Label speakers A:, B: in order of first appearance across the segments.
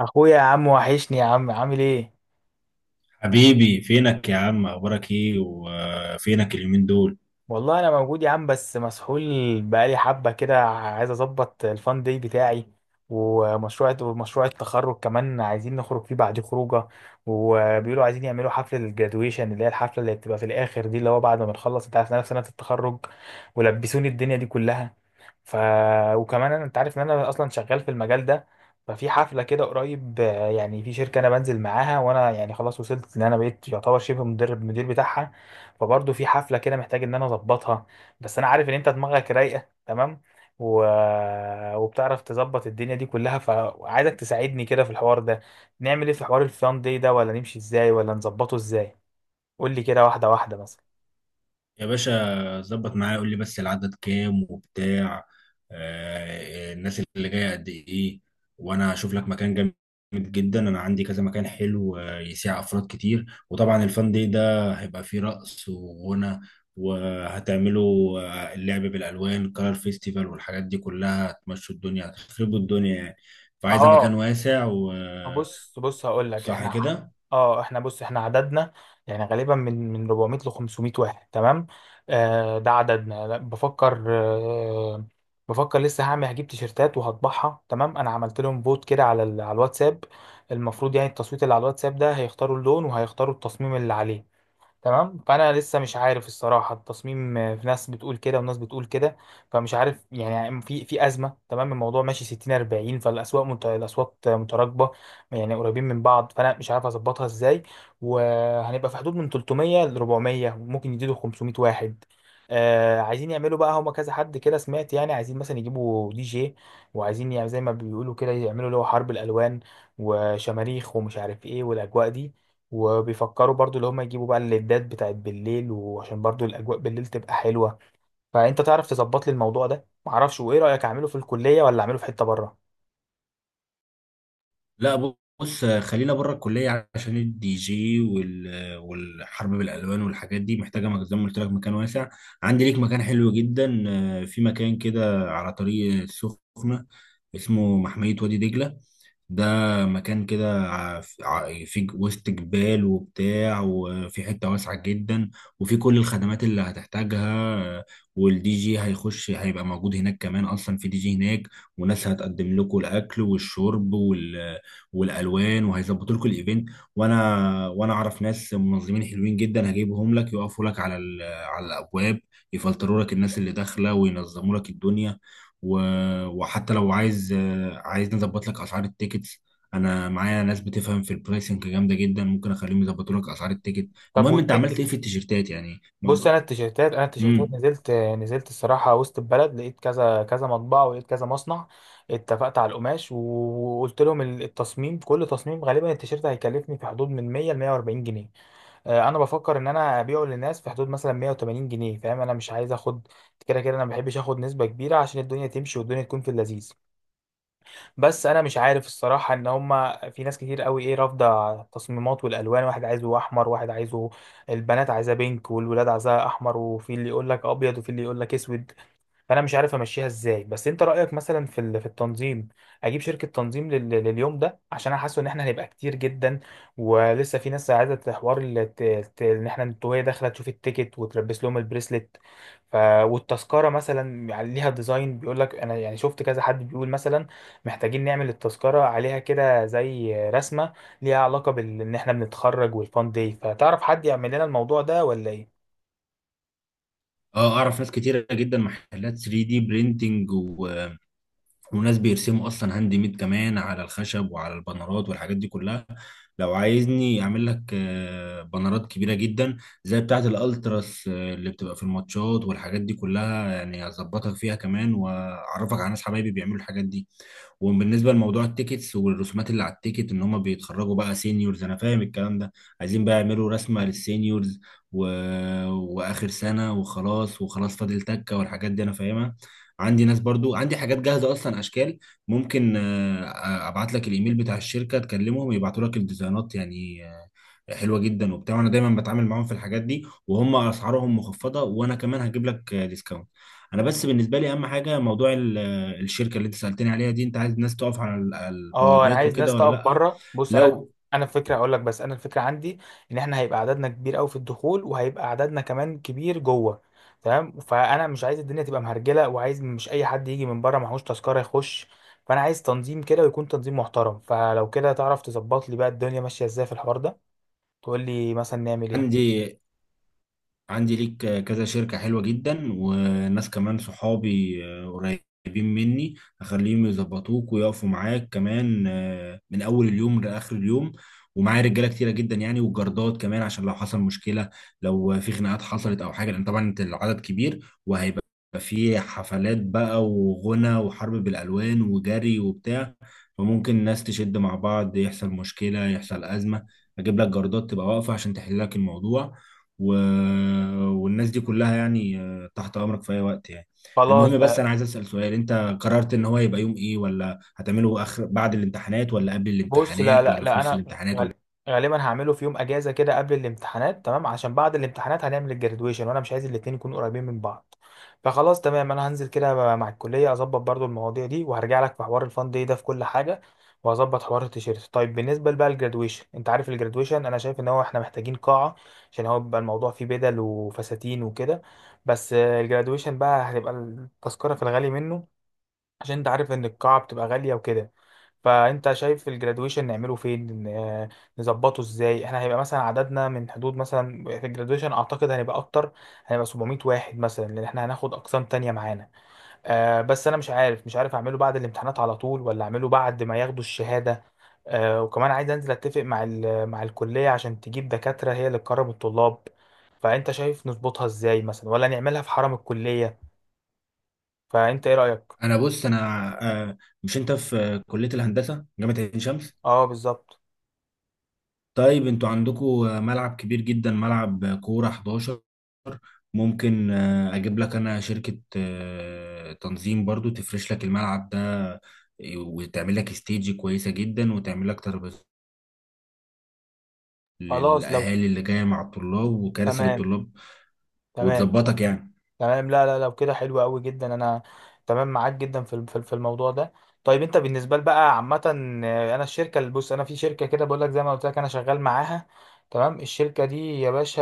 A: اخويا يا عم وحشني يا عم، عامل ايه؟
B: حبيبي فينك يا عم، اخبارك ايه وفينك اليومين دول؟
A: والله انا موجود يا عم، بس مسحول. بقالي حبه كده عايز اظبط الفان داي بتاعي، ومشروع التخرج كمان عايزين نخرج فيه بعد خروجه. وبيقولوا عايزين يعملوا حفله الجرادويشن اللي هي الحفله اللي بتبقى في الاخر دي، اللي هو بعد ما بنخلص، انت عارف إن أنا في سنه التخرج، ولبسوني الدنيا دي كلها. ف وكمان انا، انت عارف ان انا اصلا شغال في المجال ده. ففي حفله كده قريب، يعني في شركه انا بنزل معاها، وانا يعني خلاص وصلت ان انا بقيت يعتبر شبه مدرب مدير بتاعها. فبرضه في حفله كده محتاج ان انا اظبطها. بس انا عارف ان انت دماغك رايقه تمام، و... وبتعرف تظبط الدنيا دي كلها، فعايزك تساعدني كده في الحوار ده. نعمل ايه في حوار الفان دي ده؟ ولا نمشي ازاي، ولا نظبطه ازاي؟ قول لي كده واحده واحده مثلا.
B: يا باشا ظبط معايا، قول لي بس العدد كام وبتاع. الناس اللي جايه قد ايه؟ وانا هشوف لك مكان جامد جدا. انا عندي كذا مكان حلو، يسيع افراد كتير. وطبعا الفان دي ده هيبقى فيه رقص وغنى، وهتعملوا، اللعب بالالوان، كار فيستيفال والحاجات دي كلها. هتمشوا الدنيا، هتخربوا الدنيا يعني. فعايزه مكان
A: اه،
B: واسع و آه،
A: بص بص هقول لك
B: صح
A: احنا،
B: كده.
A: اه احنا، بص احنا عددنا يعني غالبا من 400 ل 500 واحد، تمام؟ آه ده عددنا، لا، بفكر، بفكر لسه، هعمل هجيب تيشرتات وهطبعها، تمام. انا عملت لهم فوت كده على على الواتساب. المفروض يعني التصويت اللي على الواتساب ده هيختاروا اللون وهيختاروا التصميم اللي عليه، تمام. فانا لسه مش عارف الصراحه التصميم، في ناس بتقول كده وناس بتقول كده. فمش عارف يعني، في ازمه، تمام. الموضوع ماشي 60 40، فالاسواق الاصوات متراكبه، يعني قريبين من بعض، فانا مش عارف اظبطها ازاي. وهنبقى في حدود من 300 ل 400، ممكن يزيدوا 500 واحد. آه، عايزين يعملوا بقى، هما كذا حد كده سمعت، يعني عايزين مثلا يجيبوا دي جي، وعايزين يعني زي ما بيقولوا كده، يعملوا اللي هو حرب الالوان وشماريخ ومش عارف ايه والاجواء دي. وبيفكروا برضو اللي هم يجيبوا بقى الليدات بتاعت بالليل، وعشان برضو الاجواء بالليل تبقى حلوه. فانت تعرف تظبط لي الموضوع ده معرفش؟ وايه رايك، اعمله في الكليه ولا اعمله في حته بره؟
B: لا، بص، خلينا بره الكليه، عشان الدي جي والحرب بالالوان والحاجات دي محتاجه زي ما قلت لك مكان واسع. عندي ليك مكان حلو جدا، في مكان كده على طريق السخنه، اسمه محميه وادي دجله. ده مكان كده في وسط جبال وبتاع، وفي حتة واسعة جدا، وفي كل الخدمات اللي هتحتاجها. والدي جي هيخش، هيبقى موجود هناك، كمان أصلا في دي جي هناك. وناس هتقدم لكم الأكل والشرب والالوان، وهيظبطوا لكم الايفنت. وانا اعرف ناس منظمين حلوين جدا هجيبهم لك، يقفوا لك على على الابواب، يفلتروا لك الناس اللي داخله، وينظموا لك الدنيا. و... وحتى لو عايز، عايز نظبط لك اسعار التيكتس، انا معايا ناس بتفهم في البرايسنج جامده جدا، ممكن اخليهم يظبطوا لك اسعار التيكت.
A: طب
B: المهم انت عملت
A: والتيكت؟
B: ايه في التيشيرتات يعني
A: بص انا التيشيرتات،
B: امم
A: نزلت الصراحه وسط البلد، لقيت كذا كذا مطبعه ولقيت كذا مصنع. اتفقت على القماش، وقلت لهم التصميم. كل تصميم غالبا التيشيرت هيكلفني في حدود من 100 ل 140 جنيه. آه، انا بفكر ان انا ابيعه للناس في حدود مثلا 180 جنيه. فاهم؟ انا مش عايز اخد، كده كده انا ما بحبش اخد نسبه كبيره، عشان الدنيا تمشي والدنيا تكون في اللذيذ. بس انا مش عارف الصراحه ان هما في ناس كتير قوي ايه رافضه التصميمات والالوان، واحد عايزه احمر، واحد عايزه، البنات عايزاه بينك والولاد عايزاه احمر، وفي اللي يقول لك ابيض وفي اللي يقول لك اسود. فانا مش عارف امشيها ازاي. بس انت رايك مثلا في في التنظيم، اجيب شركه تنظيم لليوم ده، عشان انا حاسه ان احنا هنبقى كتير جدا. ولسه في ناس عايزه حوار ان احنا وهي داخله تشوف التيكت وتلبس لهم البريسلت. ف والتذكره مثلا يعني ليها ديزاين، بيقول لك انا يعني شفت كذا حد بيقول مثلا محتاجين نعمل التذكره عليها كده زي رسمه ليها علاقه بان احنا بنتخرج والفان داي. فتعرف حد يعمل لنا الموضوع ده ولا ايه؟
B: اه، اعرف ناس كتيره جدا، محلات 3 دي برينتنج، وناس بيرسموا اصلا هاند ميد كمان على الخشب وعلى البنرات والحاجات دي كلها. لو عايزني اعمل لك، بنرات كبيره جدا زي بتاعه الالتراس، اللي بتبقى في الماتشات والحاجات دي كلها، يعني هظبطك فيها كمان، واعرفك على ناس حبايبي بيعملوا الحاجات دي. وبالنسبه لموضوع التيكتس والرسومات اللي على التيكت، ان هم بيتخرجوا بقى سينيورز، انا فاهم الكلام ده. عايزين بقى يعملوا رسمه للسينيورز و... واخر سنه وخلاص، وخلاص فاضل تكه والحاجات دي انا فاهمها. عندي ناس برضو، عندي حاجات جاهزه اصلا، اشكال. ممكن، ابعت لك الايميل بتاع الشركه، تكلمهم يبعتوا لك الديزاينات يعني، حلوه جدا وبتاع. انا دايما بتعامل معاهم في الحاجات دي، وهم اسعارهم مخفضه، وانا كمان هجيب لك، ديسكاونت. انا بس بالنسبه لي اهم حاجه موضوع الشركه اللي انت سالتني عليها دي، انت عايز الناس تقف على على
A: اه، انا
B: البوابات
A: عايز ناس
B: وكده ولا
A: تقف
B: لا؟
A: بره. بص انا،
B: لو
A: انا الفكره هقول لك، بس انا الفكره عندي ان احنا هيبقى عددنا كبير قوي في الدخول، وهيبقى عددنا كمان كبير جوه، تمام. فانا مش عايز الدنيا تبقى مهرجله، وعايز مش اي حد يجي من بره معهوش تذكره يخش. فانا عايز تنظيم كده، ويكون تنظيم محترم. فلو كده تعرف تظبط لي بقى الدنيا ماشيه ازاي في الحوار ده؟ تقول لي مثلا نعمل ايه.
B: عندي عندي ليك كذا شركة حلوة جدا، وناس كمان صحابي، قريبين مني، هخليهم يظبطوك ويقفوا معاك كمان، من أول اليوم لآخر اليوم. ومعايا رجالة كتيرة جدا يعني، وجردات كمان، عشان لو حصل مشكلة، لو في خناقات حصلت أو حاجة، لأن طبعا أنت العدد كبير، وهيبقى في حفلات بقى وغنى وحرب بالألوان وجري وبتاع، فممكن الناس تشد مع بعض، يحصل مشكلة، يحصل أزمة. أجيب لك جردات تبقى واقفة عشان تحل لك الموضوع و... والناس دي كلها يعني، تحت امرك في اي وقت يعني.
A: خلاص
B: المهم بس
A: ده.
B: انا عايز اسال سؤال، انت قررت ان هو يبقى يوم ايه؟ ولا هتعمله اخر، بعد الامتحانات، ولا قبل
A: بص لا
B: الامتحانات،
A: لا
B: ولا في
A: لا،
B: نص
A: انا
B: الامتحانات، ولا؟
A: غالبا هعمله في يوم اجازه كده قبل الامتحانات، تمام، عشان بعد الامتحانات هنعمل الجرادويشن، وانا مش عايز الاتنين يكونوا قريبين من بعض. فخلاص تمام، انا هنزل كده مع الكليه اظبط برضو المواضيع دي، وهرجع لك في حوار الفان دي ده في كل حاجه، وهظبط حوار التيشيرت. طيب بالنسبه بقى للجرادويشن، انت عارف الجرادويشن انا شايف ان هو احنا محتاجين قاعه، عشان هو بيبقى الموضوع فيه بدل وفساتين وكده. بس الجرادويشن بقى هتبقى التذكره في الغالي منه، عشان انت عارف ان القاعه بتبقى غاليه وكده. فانت شايف الجرادويشن نعمله فين، نظبطه ازاي؟ احنا هيبقى مثلا عددنا من حدود مثلا، في الجرادويشن اعتقد هنبقى اكتر، هنبقى 700 واحد مثلا، لان احنا هناخد اقسام تانية معانا. آه، بس انا مش عارف اعمله بعد الامتحانات على طول ولا اعمله بعد ما ياخدوا الشهادة. آه، وكمان عايز انزل اتفق مع مع الكلية، عشان تجيب دكاترة هي اللي تكرم الطلاب. فانت شايف نظبطها ازاي مثلا، ولا نعملها في حرم الكلية؟ فانت ايه رأيك؟
B: بص، آه، مش انت في كليه الهندسه جامعه عين شمس؟
A: اه بالظبط.
B: طيب انتوا عندكم ملعب كبير جدا، ملعب كوره 11. ممكن، اجيب لك انا شركه، تنظيم برضو، تفرش لك الملعب ده، آه، وتعمل لك استيج كويسه جدا، وتعمل لك ترابيزات
A: خلاص لو
B: للاهالي اللي جايه مع الطلاب، وكراسي
A: تمام،
B: للطلاب،
A: تمام،
B: وتظبطك يعني.
A: تمام. لا لا، لو كده حلو قوي جدا، انا تمام معاك جدا في في الموضوع ده. طيب انت بالنسبه لي بقى عامه، آه، انا الشركه اللي، بص انا في شركه كده بقول لك، زي ما قلت لك انا شغال معاها، تمام. الشركه دي يا باشا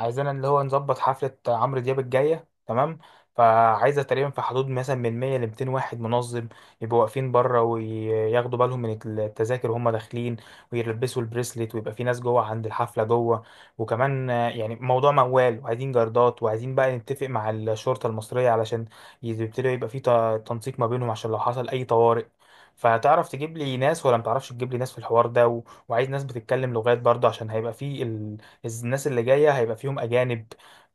A: عايزانا اللي هو نظبط حفله عمرو دياب الجايه، تمام. فعايزه تقريبا في حدود مثلا من 100 ل 200 واحد منظم، يبقوا واقفين بره وياخدوا بالهم من التذاكر وهم داخلين، ويلبسوا البريسلت، ويبقى في ناس جوه عند الحفله جوه. وكمان آه، يعني موضوع موال، وعايزين جردات، وعايزين بقى نتفق مع الشرطة المصرية علشان يبتدي يبقى في تنسيق ما بينهم، عشان لو حصل أي طوارئ. فتعرف تجيب لي ناس ولا متعرفش تجيب لي ناس في الحوار ده وعايز ناس بتتكلم لغات برضه، عشان هيبقى في الناس اللي جاية هيبقى فيهم أجانب.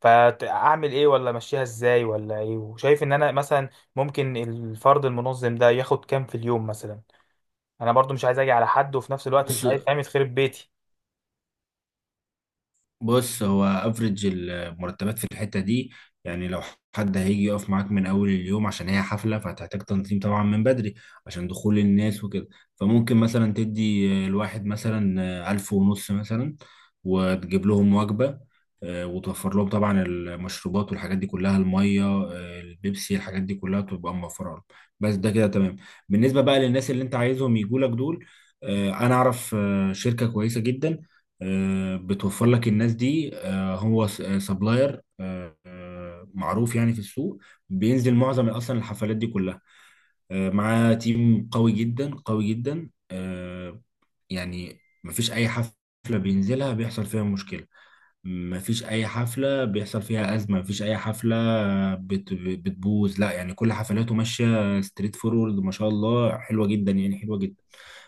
A: فأعمل إيه ولا أمشيها إزاي ولا إيه؟ وشايف إن أنا مثلا ممكن الفرد المنظم ده ياخد كام في اليوم مثلا؟ أنا برضه مش عايز أجي على حد، وفي نفس الوقت
B: بص
A: مش عايز فاهم يتخرب بيتي.
B: بص هو افريج المرتبات في الحته دي يعني، لو حد هيجي يقف معاك من اول اليوم، عشان هي حفله فهتحتاج تنظيم طبعا من بدري عشان دخول الناس وكده، فممكن مثلا تدي الواحد مثلا 1500 مثلا، وتجيب لهم وجبه، وتوفر لهم طبعا المشروبات والحاجات دي كلها، الميه، البيبسي، الحاجات دي كلها تبقى موفره لهم، بس ده كده تمام. بالنسبه بقى للناس اللي انت عايزهم يجوا لك دول، انا اعرف، شركه كويسه جدا، بتوفر لك الناس دي، هو سبلاير معروف يعني في السوق، بينزل معظم اصلا الحفلات دي كلها، معاه تيم قوي جدا قوي جدا، يعني مفيش اي حفلة بينزلها بيحصل فيها مشكلة، مفيش اي حفلة بيحصل فيها أزمة، مفيش اي حفلة بتبوظ، لا يعني كل حفلاته ماشية ستريت فورورد ما شاء الله، حلوة جدا يعني، حلوة جدا.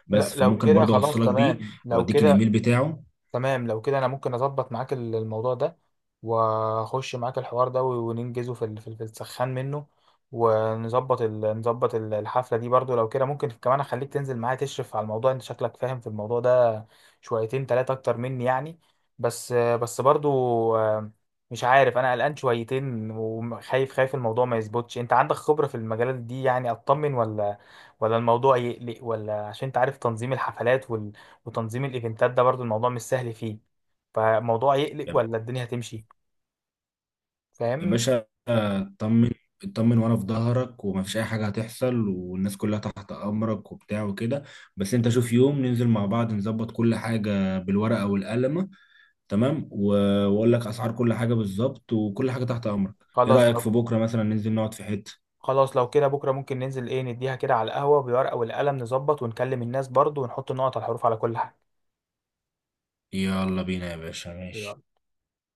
A: لا
B: بس
A: لو
B: فممكن
A: كده
B: برضه
A: خلاص
B: اوصلك بيه،
A: تمام.
B: او
A: لو
B: اديك
A: كده
B: الايميل بتاعه.
A: تمام، لو كده انا ممكن اظبط معاك الموضوع ده، واخش معاك الحوار ده وننجزه في في السخان منه، ونظبط الحفله دي برضو. لو كده ممكن كمان اخليك تنزل معايا تشرف على الموضوع، انت شكلك فاهم في الموضوع ده شويتين تلاتة اكتر مني، يعني. بس برضو، آه، مش عارف، انا قلقان شويتين وخايف، خايف الموضوع ما يظبطش. انت عندك خبرة في المجالات دي، يعني اطمن ولا ولا الموضوع يقلق ولا؟ عشان انت عارف تنظيم الحفلات وتنظيم الايفنتات ده برضو الموضوع مش سهل فيه. فالموضوع يقلق ولا الدنيا هتمشي؟
B: يا
A: فاهمني.
B: باشا اطمن، اطمن، وانا في ظهرك، ومفيش اي حاجه هتحصل، والناس كلها تحت امرك وبتاع وكده. بس انت شوف يوم ننزل مع بعض، نظبط كل حاجه بالورقه والقلمه، تمام واقول لك اسعار كل حاجه بالظبط، وكل حاجه تحت امرك. ايه
A: خلاص
B: رايك في
A: لو،
B: بكره مثلا ننزل نقعد في حته؟
A: خلاص لو كده بكره ممكن ننزل، ايه، نديها كده على القهوه بالورقه والقلم، نظبط ونكلم الناس برضو، ونحط النقط على الحروف على كل حاجه.
B: يلا بينا يا باشا، ماشي.
A: يلا.